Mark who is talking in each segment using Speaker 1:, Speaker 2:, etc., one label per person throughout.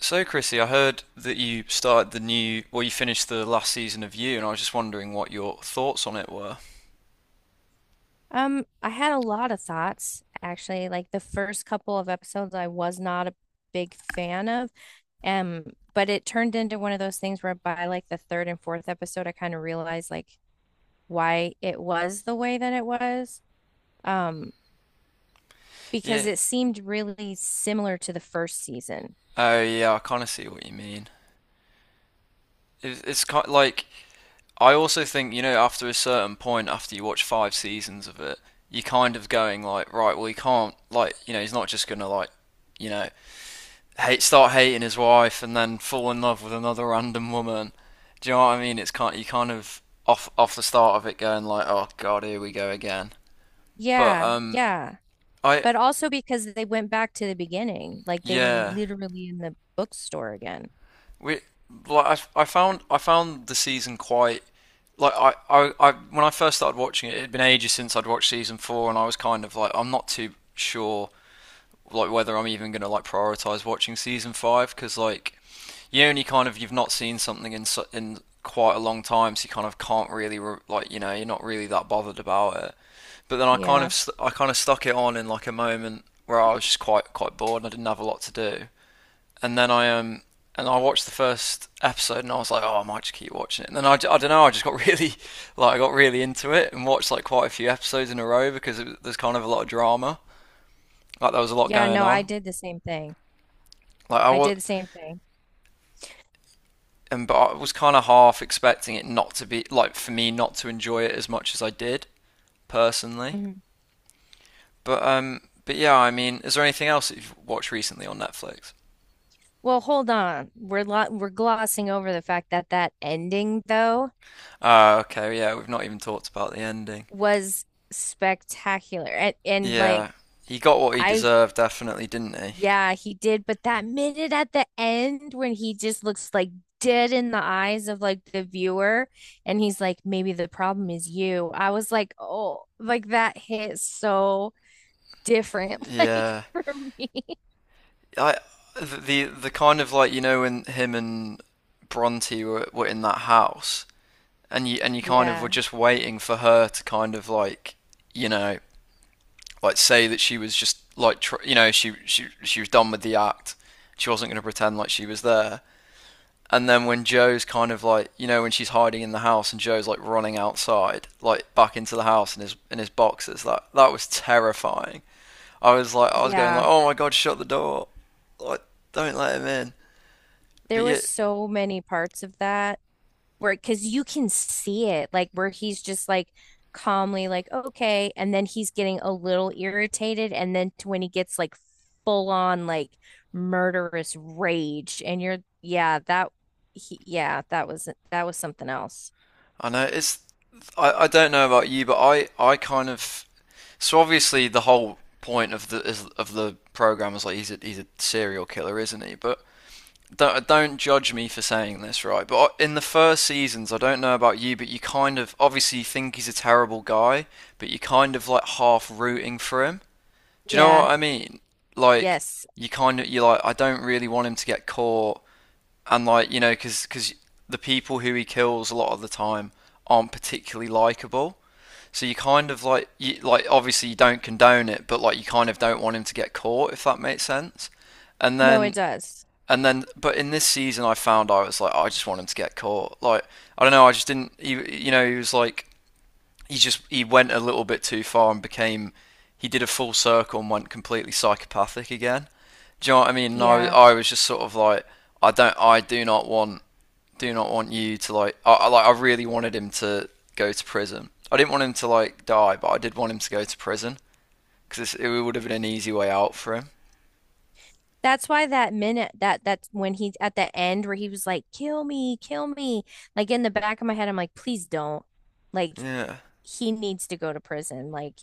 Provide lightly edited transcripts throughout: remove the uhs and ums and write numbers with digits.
Speaker 1: So, Chrissy, I heard that you started the new, well, you finished the last season of You, and I was just wondering what your thoughts on it were.
Speaker 2: I had a lot of thoughts actually. Like the first couple of episodes, I was not a big fan of. Um, but it turned into one of those things where, by like the third and fourth episode, I kind of realized like why it was the way that it was. Um, because
Speaker 1: Yeah.
Speaker 2: it seemed really similar to the first season.
Speaker 1: Oh, yeah, I kind of see what you mean. It's kind like I also think, after a certain point, after you watch five seasons of it, you're kind of going like, right, well, he can't, like, he's not just gonna like, you know, hate, start hating his wife and then fall in love with another random woman. Do you know what I mean? It's kind you kind of off the start of it going like, oh god, here we go again. But
Speaker 2: Yeah, yeah.
Speaker 1: I
Speaker 2: But also because they went back to the beginning, like they were
Speaker 1: yeah.
Speaker 2: literally in the bookstore again.
Speaker 1: We like I found the season quite like I when I first started watching it, it had been ages since I'd watched season four, and I was kind of like I'm not too sure like whether I'm even gonna like prioritize watching season five because like you only kind of you've not seen something in in quite a long time, so you kind of can't really like you're not really that bothered about it. But then I kind of
Speaker 2: Yeah.
Speaker 1: I kind of stuck it on in like a moment where I was just quite bored and I didn't have a lot to do, and then I and I watched the first episode and I was like, oh, I might just keep watching it. And then I don't know, I just got really like I got really into it and watched like quite a few episodes in a row because there's kind of a lot of drama. Like there was a lot
Speaker 2: Yeah,
Speaker 1: going
Speaker 2: no, I
Speaker 1: on.
Speaker 2: did the same thing.
Speaker 1: Like I
Speaker 2: I
Speaker 1: was
Speaker 2: did the same thing.
Speaker 1: and but I was kind of half expecting it not to be like for me not to enjoy it as much as I did personally.
Speaker 2: Mhm.
Speaker 1: But but yeah, I mean, is there anything else that you've watched recently on Netflix?
Speaker 2: Well, hold on. We're glossing over the fact that that ending though
Speaker 1: Ah, okay, yeah, we've not even talked about the ending.
Speaker 2: was spectacular. And like
Speaker 1: Yeah, he got what he
Speaker 2: I
Speaker 1: deserved, definitely, didn't he?
Speaker 2: yeah, he did, but that minute at the end when he just looks like dead in the eyes of like the viewer, and he's like, maybe the problem is you. I was like, "Oh, like that hit so different like
Speaker 1: Yeah,
Speaker 2: for me."
Speaker 1: I the kind of like when him and Bronte were in that house, and you kind of were
Speaker 2: Yeah.
Speaker 1: just waiting for her to kind of like you know like say that she was just like she was done with the act. She wasn't going to pretend like she was there. And then when Joe's kind of like when she's hiding in the house and Joe's like running outside like back into the house in his boxes that was terrifying. I was like, I was going like,
Speaker 2: Yeah.
Speaker 1: oh my god, shut the door, like don't let him in.
Speaker 2: There
Speaker 1: But
Speaker 2: were
Speaker 1: yet,
Speaker 2: so many parts of that where, because you can see it, like where he's just like calmly like okay, and then he's getting a little irritated, and then to when he gets like full on like murderous rage, and you're yeah that he, yeah that was, that was something else.
Speaker 1: I know it's. I don't know about you, but I kind of. So obviously, the whole point of of the program is like he's a serial killer, isn't he? But don't judge me for saying this, right? But in the first seasons, I don't know about you, but you kind of obviously you think he's a terrible guy, but you kind of like half rooting for him. Do you know
Speaker 2: Yeah.
Speaker 1: what I mean? Like
Speaker 2: Yes.
Speaker 1: you kind of you're like I don't really want him to get caught and like because the people who he kills a lot of the time aren't particularly likable, so you kind of like you like obviously you don't condone it, but like you kind of don't want him to get caught if that makes sense. and
Speaker 2: No, it
Speaker 1: then
Speaker 2: does.
Speaker 1: and then but in this season I found I was like, "Oh, I just want him to get caught, like I don't know, I just didn't you, you know he was like he just he went a little bit too far and became he did a full circle and went completely psychopathic again. Do you know what I mean?" And I,
Speaker 2: Yeah,
Speaker 1: I was just sort of like I do not want you to like I like I really wanted him to go to prison. I didn't want him to like die, but I did want him to go to prison because it would have been an easy way out for him.
Speaker 2: that's why that minute, that that's when he at the end where he was like, kill me, kill me, like in the back of my head I'm like, please don't, like
Speaker 1: Yeah.
Speaker 2: he needs to go to prison, like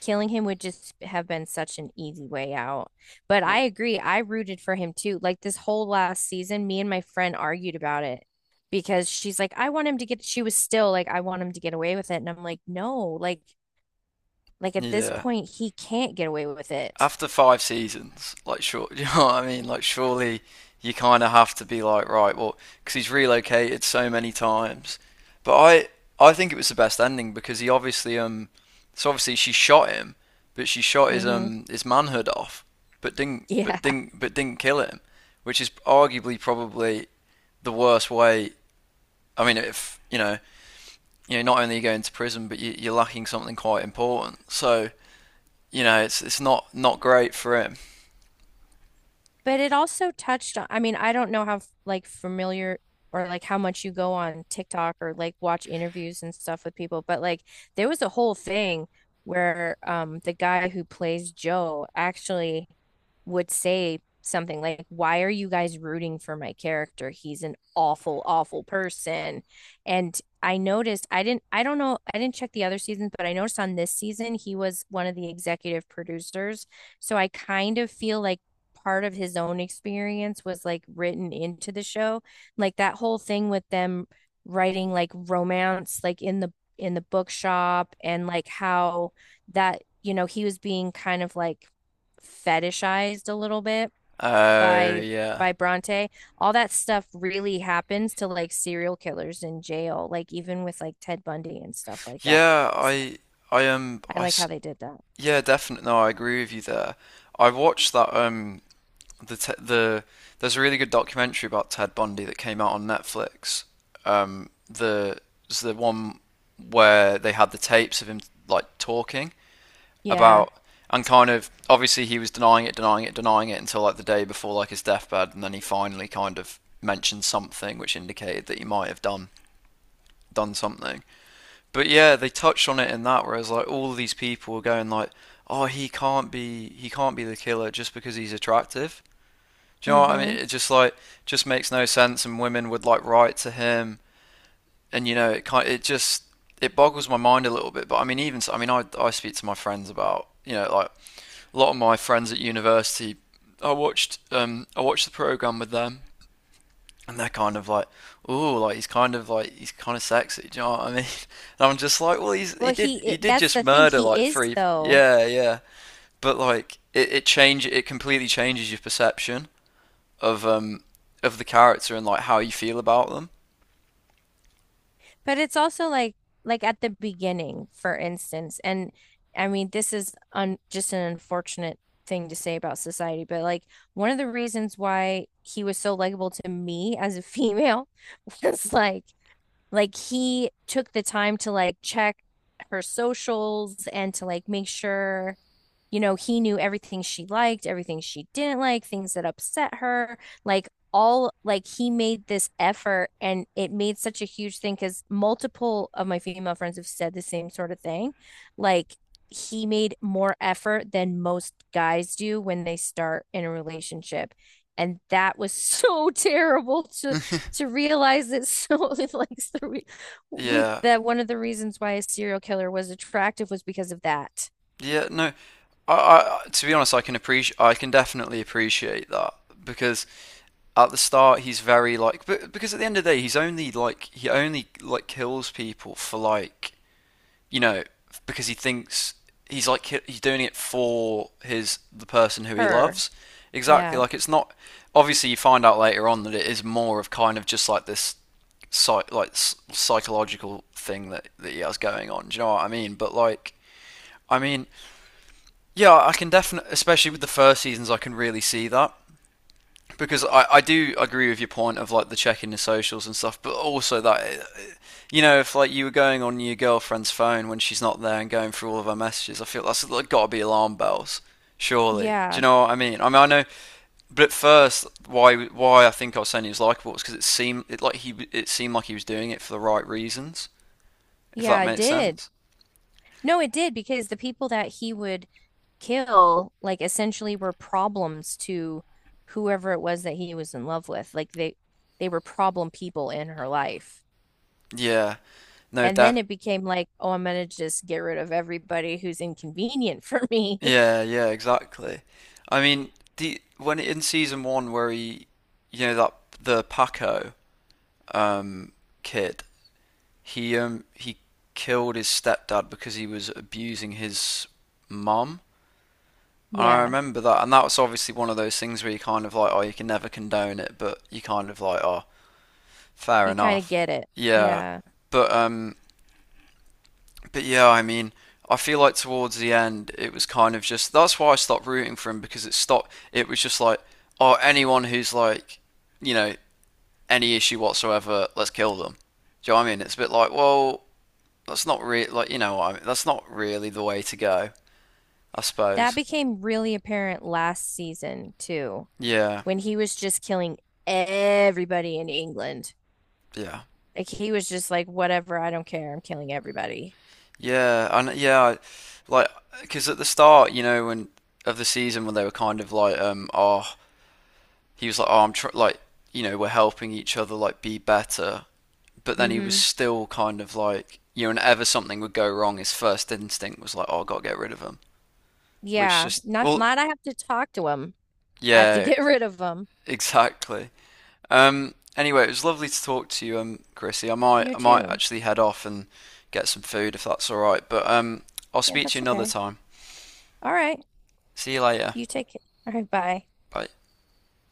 Speaker 2: killing him would just have been such an easy way out. But I
Speaker 1: Well,
Speaker 2: agree. I rooted for him too. Like this whole last season, me and my friend argued about it because she's like, I want him to get, she was still like, I want him to get away with it. And I'm like, no, like at this
Speaker 1: yeah,
Speaker 2: point, he can't get away with it.
Speaker 1: after five seasons, like sure, you know what I mean? Like surely you kind of have to be like, right, well, because he's relocated so many times. But I think it was the best ending because he obviously, so obviously she shot him, but she shot
Speaker 2: Mm-hmm.
Speaker 1: his manhood off, but didn't,
Speaker 2: Yeah.
Speaker 1: but didn't, but didn't kill him, which is arguably probably the worst way. I mean, if you know, you know, not only are you go into prison, but you're lacking something quite important. So you know, it's not not great for him.
Speaker 2: But it also touched on, I mean, I don't know how like familiar or like how much you go on TikTok or like watch interviews and stuff with people, but like there was a whole thing where the guy who plays Joe actually would say something like, "Why are you guys rooting for my character? He's an awful, awful person." And I noticed, I didn't, I don't know, I didn't check the other seasons, but I noticed on this season he was one of the executive producers. So I kind of feel like part of his own experience was like written into the show. Like that whole thing with them writing like romance like in the bookshop and like how that, you know, he was being kind of like fetishized a little bit
Speaker 1: Oh
Speaker 2: by
Speaker 1: yeah,
Speaker 2: by Bronte. All that stuff really happens to like serial killers in jail, like even with like Ted Bundy and stuff like that.
Speaker 1: yeah.
Speaker 2: So
Speaker 1: I um
Speaker 2: I
Speaker 1: I
Speaker 2: like how
Speaker 1: s-
Speaker 2: they did that.
Speaker 1: yeah definitely. No, I agree with you there. I watched that the there's a really good documentary about Ted Bundy that came out on Netflix. The it's the one where they had the tapes of him like talking
Speaker 2: Yeah.
Speaker 1: about, and kind of obviously he was denying it until like the day before like his deathbed, and then he finally kind of mentioned something which indicated that he might have done something. But yeah, they touched on it in that, whereas like all of these people were going like, "Oh, he can't be the killer just because he's attractive." Do you know what I mean?
Speaker 2: Mm-hmm.
Speaker 1: It just like just makes no sense, and women would like write to him, and it just it boggles my mind a little bit. But I mean, even so, I mean, I speak to my friends about like a lot of my friends at university. I watched the program with them, and they're kind of like, oh, like he's kind of sexy. Do you know what I mean? And I'm just like, well,
Speaker 2: Well, he
Speaker 1: he
Speaker 2: it,
Speaker 1: did
Speaker 2: that's
Speaker 1: just
Speaker 2: the thing.
Speaker 1: murder
Speaker 2: He
Speaker 1: like
Speaker 2: is
Speaker 1: three,
Speaker 2: though.
Speaker 1: yeah, yeah. But like it completely changes your perception of um of the character and like how you feel about them.
Speaker 2: But it's also like at the beginning, for instance, and I mean this is un just an unfortunate thing to say about society, but like one of the reasons why he was so likable to me as a female was like he took the time to like check her socials and to like make sure, you know, he knew everything she liked, everything she didn't like, things that upset her, like all like he made this effort, and it made such a huge thing because multiple of my female friends have said the same sort of thing. Like he made more effort than most guys do when they start in a relationship, and that was so terrible to realize that so like so we
Speaker 1: Yeah,
Speaker 2: that one of the reasons why a serial killer was attractive was because of that.
Speaker 1: yeah, no. I, I to be honest, I can definitely appreciate that because at the start he's very like, but because at the end of the day he's only like he only like kills people for like you know, because he thinks he's doing it for his the person who he
Speaker 2: Her.
Speaker 1: loves. Exactly.
Speaker 2: Yeah.
Speaker 1: Like it's not. Obviously, you find out later on that it is more of kind of just like this, psych, like psychological thing that he has going on. Do you know what I mean? But like, I mean, yeah, I can definitely, especially with the first seasons, I can really see that because I do agree with your point of like the checking the socials and stuff, but also that you know, if like you were going on your girlfriend's phone when she's not there and going through all of her messages, I feel that's like, got to be alarm bells, surely. Do you
Speaker 2: Yeah.
Speaker 1: know what I mean? I mean, I know, but at first, why I think I was saying he was likable was because it seemed like he was doing it for the right reasons, if that
Speaker 2: Yeah, it
Speaker 1: makes
Speaker 2: did.
Speaker 1: sense.
Speaker 2: No, it did, because the people that he would kill, like, essentially were problems to whoever it was that he was in love with. Like they were problem people in her life.
Speaker 1: Yeah, no,
Speaker 2: And then
Speaker 1: def
Speaker 2: it became like, oh, I'm gonna just get rid of everybody who's inconvenient for me.
Speaker 1: yeah, yeah, exactly. I mean, the when in season one where he, you know, that the Paco um kid. He killed his stepdad because he was abusing his mum. And I
Speaker 2: Yeah.
Speaker 1: remember that, and that was obviously one of those things where you kind of like, oh, you can never condone it, but you kind of like, oh, fair
Speaker 2: You kind of
Speaker 1: enough.
Speaker 2: get it.
Speaker 1: Yeah,
Speaker 2: Yeah.
Speaker 1: but um, but yeah, I mean, I feel like towards the end, it was kind of just that's why I stopped rooting for him because it stopped. It was just like, oh, anyone who's like, you know, any issue whatsoever, let's kill them. Do you know what I mean? It's a bit like, well, that's not really like you know what I mean, that's not really the way to go, I
Speaker 2: That
Speaker 1: suppose.
Speaker 2: became really apparent last season too,
Speaker 1: Yeah,
Speaker 2: when he was just killing everybody in England.
Speaker 1: yeah,
Speaker 2: Like he was just like, whatever, I don't care. I'm killing everybody.
Speaker 1: yeah, and yeah, like because at the start, you know, when of the season when they were kind of like, oh, he was like, oh, I'm tr like, you know, we're helping each other like be better, but then he was
Speaker 2: Hmm.
Speaker 1: still kind of like, you know, whenever something would go wrong, his first instinct was like, oh, I gotta get rid of him, which
Speaker 2: Yeah.
Speaker 1: just,
Speaker 2: Not
Speaker 1: well,
Speaker 2: not I have to talk to him. I have to
Speaker 1: yeah,
Speaker 2: get rid of him.
Speaker 1: exactly. Anyway, it was lovely to talk to you, Chrissy.
Speaker 2: You
Speaker 1: I might
Speaker 2: too.
Speaker 1: actually head off and get some food if that's all right. But I'll
Speaker 2: Yeah,
Speaker 1: speak to
Speaker 2: that's
Speaker 1: you another
Speaker 2: okay.
Speaker 1: time.
Speaker 2: All right.
Speaker 1: See you later.
Speaker 2: You take it. All right, bye.
Speaker 1: Bye.